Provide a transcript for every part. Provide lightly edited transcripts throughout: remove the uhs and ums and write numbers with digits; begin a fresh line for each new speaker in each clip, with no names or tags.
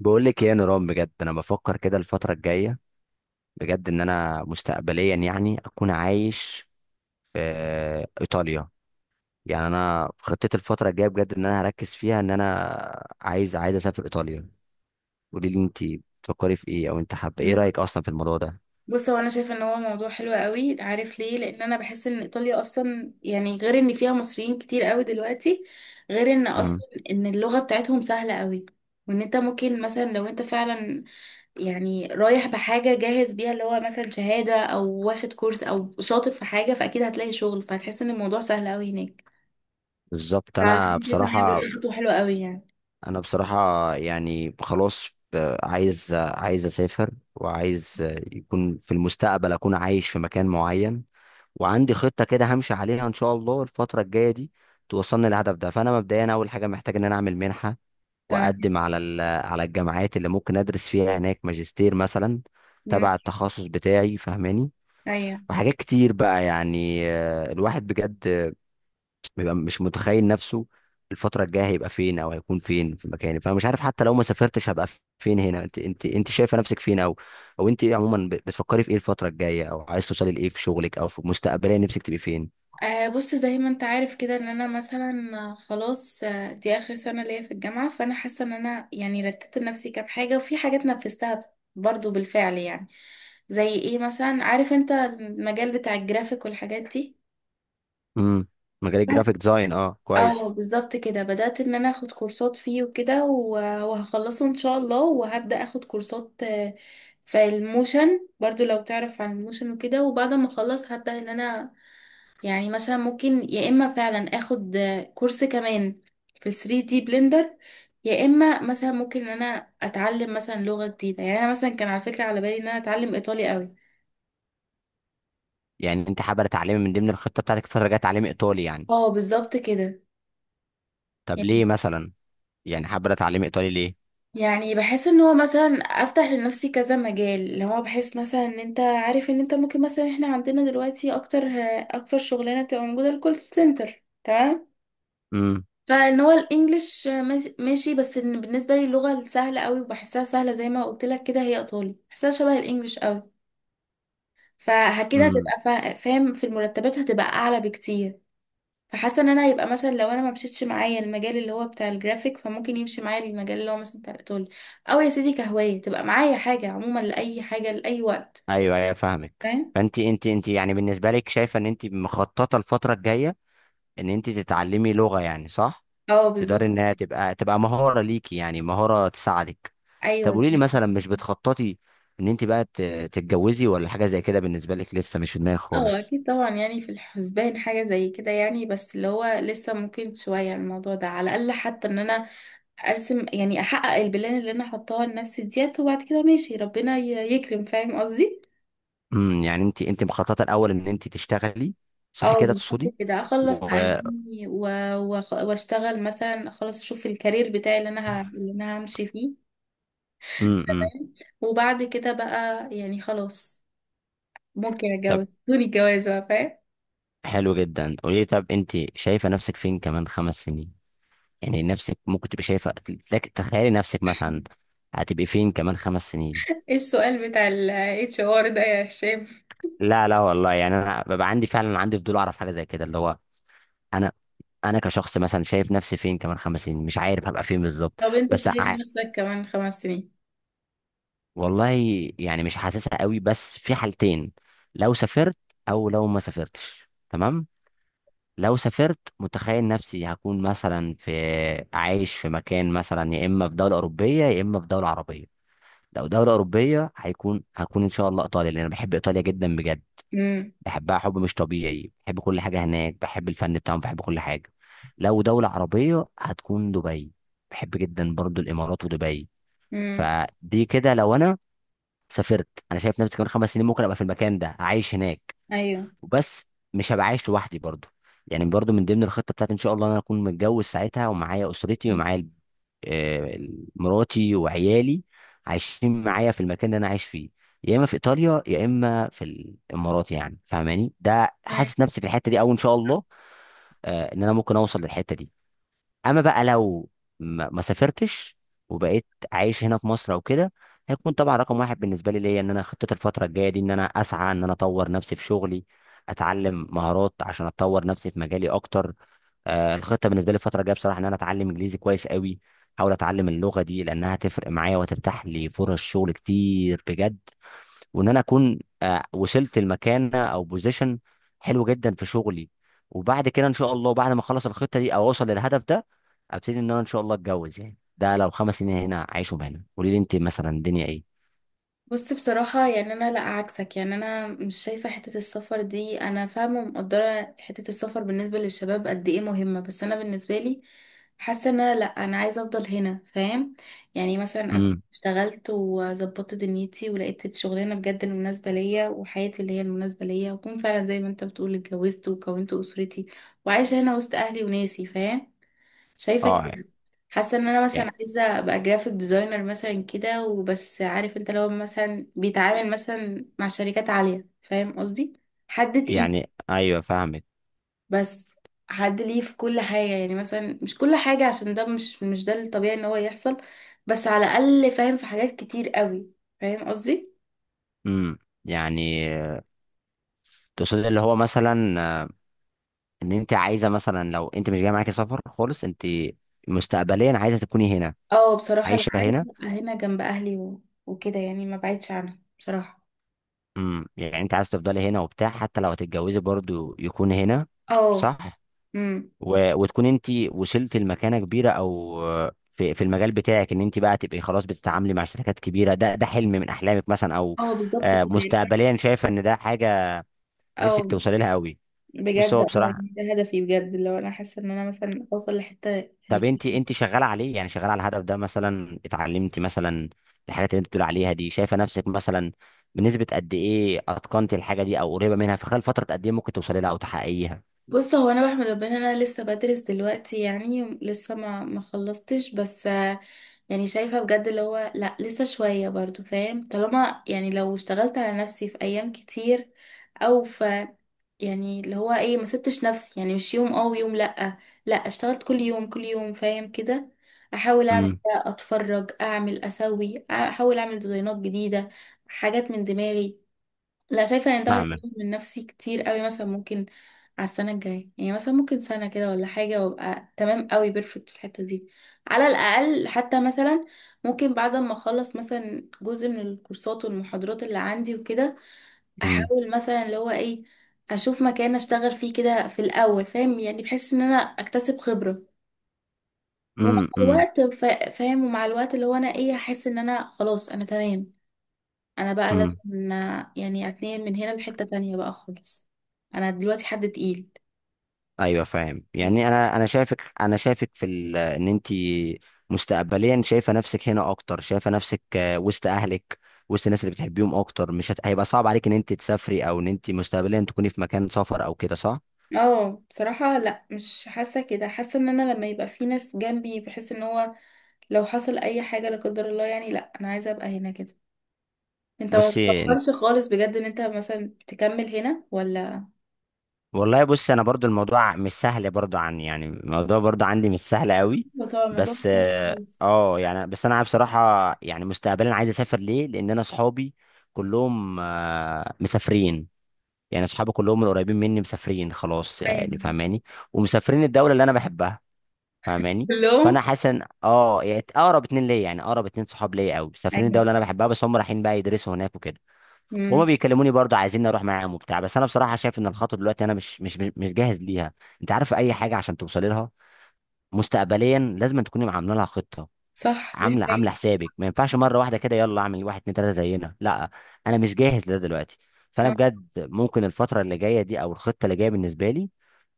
بقول لك ايه يا نيران؟ بجد انا بفكر كده الفتره الجايه، بجد ان انا مستقبليا يعني اكون عايش في ايطاليا. يعني انا خطتي الفتره الجايه بجد ان انا هركز فيها ان انا عايز اسافر ايطاليا. قولي لي انت، بتفكري في ايه؟ او انت حابه ايه
مم.
رايك اصلا في الموضوع ده؟
بص هو انا شايفه ان هو موضوع حلو قوي، عارف ليه؟ لان انا بحس ان ايطاليا اصلا يعني، غير ان فيها مصريين كتير قوي دلوقتي، غير ان
امم
اصلا ان اللغه بتاعتهم سهله قوي، وان انت ممكن مثلا لو انت فعلا يعني رايح بحاجة جاهز بيها، اللي هو مثلا شهادة أو واخد كورس أو شاطر في حاجة، فأكيد هتلاقي شغل، فهتحس إن الموضوع سهل أوي هناك.
بالظبط.
فأنا
انا
شايفة إن هي
بصراحه
بجد خطوة حلوة أوي يعني.
انا بصراحه يعني خلاص، عايز اسافر، وعايز يكون في المستقبل اكون عايش في مكان معين. وعندي خطة كده همشي عليها إن شاء الله الفترة الجاية دي توصلني للهدف ده. فأنا مبدئيا أول حاجة محتاج إن أنا أعمل منحة،
تمام.
وأقدم على على الجامعات اللي ممكن أدرس فيها هناك ماجستير مثلا،
مم.
تبع التخصص بتاعي، فاهماني؟
أيوة.
وحاجات كتير بقى، يعني الواحد بجد بيبقى مش متخيل نفسه الفترة الجاية هيبقى فين، أو هيكون فين في مكاني. فأنا مش عارف، حتى لو ما سافرتش هبقى فين هنا. أنت شايفة نفسك فين؟ أو أنت إيه عموما؟ بتفكري في إيه الفترة الجاية، أو عايز توصلي لإيه في شغلك، أو في مستقبليا نفسك تبقي فين؟
آه، بص زي ما أنت عارف كده، إن أنا مثلا خلاص، دي آخر سنة ليا في الجامعة، فأنا حاسة إن أنا يعني رتبت لنفسي كام حاجة، وفي حاجات نفذتها برضو بالفعل يعني. زي إيه مثلا؟ عارف أنت المجال بتاع الجرافيك والحاجات دي؟
امم. مجال
بس
الجرافيك ديزاين، اه
اه،
كويس.
بالظبط كده، بدأت ان انا اخد كورسات فيه وكده وهخلصه ان شاء الله، وهبدأ اخد كورسات في الموشن برضو، لو تعرف عن الموشن وكده. وبعد ما اخلص هبدأ ان انا يعني مثلا ممكن يا اما فعلا اخد كورس كمان في 3D بلندر، يا اما مثلا ممكن ان انا اتعلم مثلا لغة جديدة. يعني انا مثلا كان على فكرة على بالي ان انا اتعلم ايطالي قوي.
يعني انت حابه تعلمي من ضمن الخطه بتاعتك الفتره الجايه تعلمي ايطالي، يعني؟
اه بالظبط كده
طب ليه
يعني.
مثلا؟ يعني حابه تعلمي ايطالي ليه؟
يعني بحس ان هو مثلا افتح لنفسي كذا مجال، اللي هو بحس مثلا ان انت عارف ان انت ممكن مثلا، احنا عندنا دلوقتي اكتر شغلانه بتبقى موجوده الكول سنتر، تمام؟
امم،
فان هو الانجليش ماشي، بس إن بالنسبه لي اللغه السهله قوي وبحسها سهله، زي ما قلت لك كده، هي ايطالي، بحسها شبه الانجليش قوي. فكده
امم.
هتبقى فاهم، في المرتبات هتبقى اعلى بكتير. فحاسه ان انا هيبقى مثلا لو انا ما مشيتش معايا المجال اللي هو بتاع الجرافيك، فممكن يمشي معايا المجال اللي هو مثلا بتاع الايطالي، او يا سيدي كهوايه تبقى معايا حاجه عموما لاي حاجه لاي وقت.
ايوه، ايوه، فاهمك.
فاهم؟
فانت، انت يعني بالنسبه لك شايفه ان انت مخططه الفتره الجايه ان انت تتعلمي لغه، يعني صح؟
اه
تقدري
بالظبط.
انها تبقى مهاره ليكي، يعني مهاره تساعدك. طب
ايوه
قولي لي
دي.
مثلا، مش بتخططي ان انت بقى تتجوزي ولا حاجه زي كده؟ بالنسبه لك لسه مش في دماغك
اه
خالص؟
اكيد طبعا، يعني في الحسبان حاجه زي كده يعني، بس اللي هو لسه ممكن شويه الموضوع ده، على الاقل حتى ان انا ارسم يعني، احقق البلان اللي انا حطاها لنفسي ديت، وبعد كده ماشي، ربنا يكرم، فاهم قصدي؟
امم، يعني انت مخططه الاول ان انت تشتغلي، صح
اه
كده تقصدي؟
بالظبط كده، اخلص
و
تعليمي و واشتغل مثلا، اخلص اشوف الكارير بتاعي اللي انا اللي انا همشي فيه.
امم امم.
فاهم؟ وبعد كده بقى يعني خلاص، ممكن
طب،
اتجوز دون الجواز بقى، فاهم؟
حلو جدا. قولي لي، طب انت شايفه نفسك فين كمان 5 سنين؟ يعني نفسك ممكن تبقي شايفه. تخيلي نفسك مثلا هتبقي فين كمان 5 سنين.
ايه السؤال بتاع ال HR ده يا هشام؟
لا، لا والله، يعني انا ببقى عندي فعلا، عندي فضول اعرف حاجه زي كده، اللي هو انا انا كشخص مثلا شايف نفسي فين كمان 5 سنين؟ مش عارف هبقى فين بالظبط.
طب انت
بس
شايف
ع-
نفسك كمان خمس سنين؟
والله، يعني مش حاسسها قوي. بس في حالتين: لو سافرت، او لو ما سافرتش، تمام. لو سافرت متخيل نفسي هكون مثلا في، عايش في مكان مثلا، يا اما في دولة أوروبية يا اما في دولة عربية. لو دولة أوروبية هكون ان شاء الله إيطاليا، لأن أنا بحب إيطاليا جدا بجد.
امم.
بحبها حب مش طبيعي. بحب كل حاجة هناك، بحب الفن بتاعهم، بحب كل حاجة. لو دولة عربية هتكون دبي. بحب جدا برضو الإمارات ودبي.
امم.
فدي كده لو أنا سافرت، أنا شايف نفسي كمان 5 سنين ممكن أبقى في المكان ده عايش هناك.
ايوه،
بس مش هبقى عايش لوحدي برضو. يعني برضو من ضمن الخطة بتاعتي ان شاء الله إن انا اكون متجوز ساعتها، ومعايا اسرتي ومعايا آه، مراتي وعيالي، عايشين معايا في المكان اللي انا عايش فيه، يا اما في ايطاليا يا اما في الامارات. يعني فاهماني؟ ده حاسس نفسي في الحتة دي، او ان شاء الله ان انا ممكن اوصل للحتة دي. اما بقى لو ما سافرتش وبقيت عايش هنا في مصر او كده، هيكون طبعا رقم واحد بالنسبه ليا ان انا خطه الفتره الجايه دي ان انا اسعى ان انا اطور نفسي في شغلي، اتعلم مهارات عشان اطور نفسي في مجالي اكتر. آه الخطه بالنسبه لي الفتره الجايه بصراحه ان انا اتعلم انجليزي كويس قوي، احاول اتعلم اللغه دي لانها هتفرق معايا وهتفتح لي فرص شغل كتير بجد. وان انا اكون وصلت لمكانه او بوزيشن حلو جدا في شغلي. وبعد كده ان شاء الله بعد ما اخلص الخطه دي او اوصل للهدف ده، ابتدي ان انا ان شاء الله اتجوز. يعني ده لو 5 سنين هنا عايشهم هنا. قولي لي انت مثلا الدنيا ايه؟
بص بصراحة، يعني أنا لأ، عكسك، يعني أنا مش شايفة حتة السفر دي. أنا فاهمة ومقدرة حتة السفر بالنسبة للشباب قد إيه مهمة، بس أنا بالنسبة لي حاسة إن أنا لأ، أنا عايزة أفضل هنا، فاهم؟ يعني مثلا أكون
امم.
اشتغلت وظبطت دنيتي، ولقيت الشغلانة بجد المناسبة ليا وحياتي اللي هي المناسبة ليا، وأكون فعلا زي ما أنت بتقول اتجوزت وكونت أسرتي، وعايشة هنا وسط أهلي وناسي، فاهم؟ شايفه
اه.
كده. حاسه ان انا
يعني
مثلا عايزه ابقى جرافيك ديزاينر مثلا كده وبس، عارف انت، لو مثلا بيتعامل مثلا مع شركات عاليه، فاهم قصدي؟ حد تقيل.
ايوه، فاهمك.
بس حد ليه في كل حاجه، يعني مثلا مش كل حاجه عشان ده مش ده الطبيعي ان هو يحصل، بس على الاقل فاهم، في حاجات كتير قوي، فاهم قصدي؟
امم، يعني تقصد اللي هو مثلا ان انت عايزه مثلا لو انت مش جاي معاكي سفر خالص، انت مستقبليا عايزه تكوني هنا
اه بصراحه لا،
عايشه
عايزه
هنا؟
ابقى هنا جنب اهلي وكده، يعني ما بعيدش عنهم بصراحه.
امم، يعني انت عايز تفضلي هنا وبتاع، حتى لو هتتجوزي برضو يكون هنا،
اه.
صح؟
امم.
وتكون انت وصلت لمكانه كبيره، او في المجال بتاعك، ان انت بقى تبقي خلاص بتتعاملي مع شركات كبيره، ده حلم من احلامك مثلا؟ او
اه بالظبط كده يعني.
مستقبليا شايفه ان ده حاجه نفسك
اه.
توصلي لها قوي؟ بس
بجد
هو
اه.
بصراحه،
يعني ده هدفي بجد، لو انا حاسه ان انا مثلا اوصل لحته
طب
يعني.
انت شغاله عليه؟ يعني شغاله على الهدف ده؟ مثلا اتعلمتي مثلا الحاجات اللي انت بتقول عليها دي؟ شايفه نفسك مثلا بنسبه قد ايه اتقنتي الحاجه دي او قريبه منها؟ في خلال فتره قد ايه ممكن توصلي لها او تحققيها؟
بص هو انا بحمد ربنا إن انا لسه بدرس دلوقتي، يعني لسه ما خلصتش، بس يعني شايفه بجد اللي هو لا لسه شويه برضو، فاهم؟ طالما يعني لو اشتغلت على نفسي في ايام كتير، او في يعني اللي هو ايه، ما سبتش نفسي، يعني مش يوم اه ويوم لا، لا اشتغلت كل يوم، كل يوم، فاهم كده؟ احاول اعمل ده، اتفرج، اعمل اسوي، احاول اعمل ديزاينات جديده، حاجات من دماغي، لا شايفة ان ده هيطور
فاهمك.
من نفسي كتير قوي. مثلا ممكن على السنة الجاية، يعني مثلا ممكن سنة كده ولا حاجة، وابقى تمام قوي، بيرفكت في الحتة دي. على الأقل حتى مثلا ممكن بعد ما اخلص مثلا جزء من الكورسات والمحاضرات اللي عندي وكده،
امم،
احاول مثلا اللي هو ايه، اشوف مكان اشتغل فيه كده في الأول، فاهم؟ يعني بحس ان انا اكتسب خبرة، ومع
امم، امم،
الوقت فاهم، ومع الوقت اللي هو انا ايه، احس ان انا خلاص انا تمام، انا بقى
امم.
لازم يعني اتنقل من هنا لحتة تانية بقى خالص، انا دلوقتي حد تقيل.
ايوه فاهم. يعني انا شايفك في ان انت مستقبليا شايفه نفسك هنا اكتر، شايفه نفسك وسط اهلك، وسط الناس اللي بتحبيهم اكتر. مش هيبقى صعب عليك ان انت تسافري او ان انت مستقبليا تكوني في مكان سفر او كده، صح؟
اه بصراحة لا، مش حاسة كده، حاسة ان انا لما يبقى في ناس جنبي، بحس ان هو لو حصل اي حاجة لا قدر الله، يعني لا، انا عايزة ابقى هنا كده. انت ما
بصي،
بتفكرش خالص بجد ان انت مثلا تكمل هنا ولا؟
والله بص، انا برضو الموضوع مش سهل برضو، عن يعني الموضوع برضو عندي مش سهل قوي.
أيوة طبعا، الموضوع
بس
صعب
اه
خالص.
يعني بس انا بصراحه يعني مستقبلا عايز اسافر. ليه؟ لان انا اصحابي كلهم آه مسافرين. يعني اصحابي كلهم القريبين مني مسافرين خلاص، يعني
ايوه
فاهماني. ومسافرين الدوله اللي انا بحبها، فاهماني؟ فانا
كلهم.
حاسس ان اه يعني اقرب اتنين ليا، يعني اقرب اتنين صحاب ليا قوي مسافرين الدوله اللي
ايوه.
انا بحبها. بس هم رايحين بقى يدرسوا هناك وكده. وهما
امم.
بيكلموني برضه عايزين اروح معاهم وبتاع، بس انا بصراحه شايف ان الخطوه دلوقتي انا مش جاهز ليها. انت عارف اي حاجه عشان توصلي لها مستقبليا لازم تكوني عامله لها خطه،
صح، دي
عامله
حقيقة.
حسابك. ما ينفعش مره واحده كده يلا اعمل واحد اتنين تلاته زينا، لا. انا مش جاهز لده دلوقتي. فانا بجد ممكن الفتره اللي جايه دي او الخطه اللي جايه بالنسبه لي،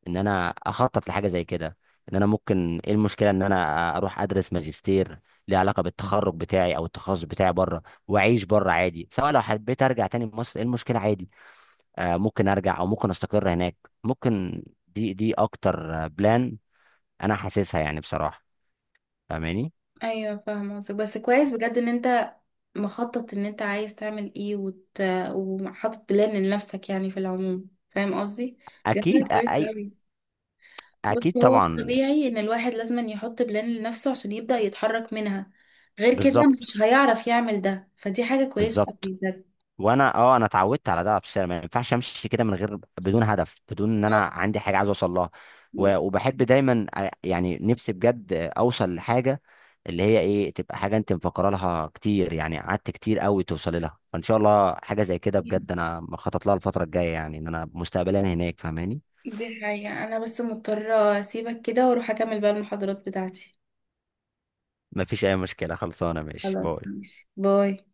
ان انا اخطط لحاجه زي كده. ان انا، ممكن ايه المشكله ان انا اروح ادرس ماجستير ليه علاقه بالتخرج بتاعي او التخصص بتاعي بره؟ واعيش بره عادي، سواء لو حبيت ارجع تاني مصر ايه المشكله؟ عادي، آه، ممكن ارجع او ممكن استقر هناك. ممكن دي اكتر بلان انا حاسسها، يعني بصراحه، فاهماني؟
ايوه فاهمه قصدك، بس كويس بجد ان انت مخطط ان انت عايز تعمل ايه وحاطط بلان لنفسك يعني في العموم، فاهم قصدي؟ ده
اكيد
حاجة كويسة
اي،
أوي. بس
اكيد
هو
طبعا.
طبيعي ان الواحد لازم يحط بلان لنفسه عشان يبدأ يتحرك منها، غير كده
بالظبط،
مش هيعرف يعمل ده، فدي حاجة كويسة أوي
بالظبط.
بجد.
وانا اه اتعودت على ده في الشارع. ما ينفعش امشي كده من غير بدون هدف، بدون ان انا
آه،
عندي حاجه عايز اوصل لها.
بس-
و- وبحب دايما يعني نفسي بجد اوصل لحاجه، اللي هي ايه، تبقى حاجه انت مفكره لها كتير، يعني قعدت كتير قوي توصلي لها. فان شاء الله حاجه زي كده بجد انا مخطط لها الفتره الجايه، يعني ان انا مستقبلا هناك، فاهماني؟
دي حقيقة، انا بس مضطرة اسيبك كده واروح اكمل بقى المحاضرات بتاعتي.
مفيش اي مشكله، خلصانه، ماشي،
خلاص،
باي.
ماشي، باي.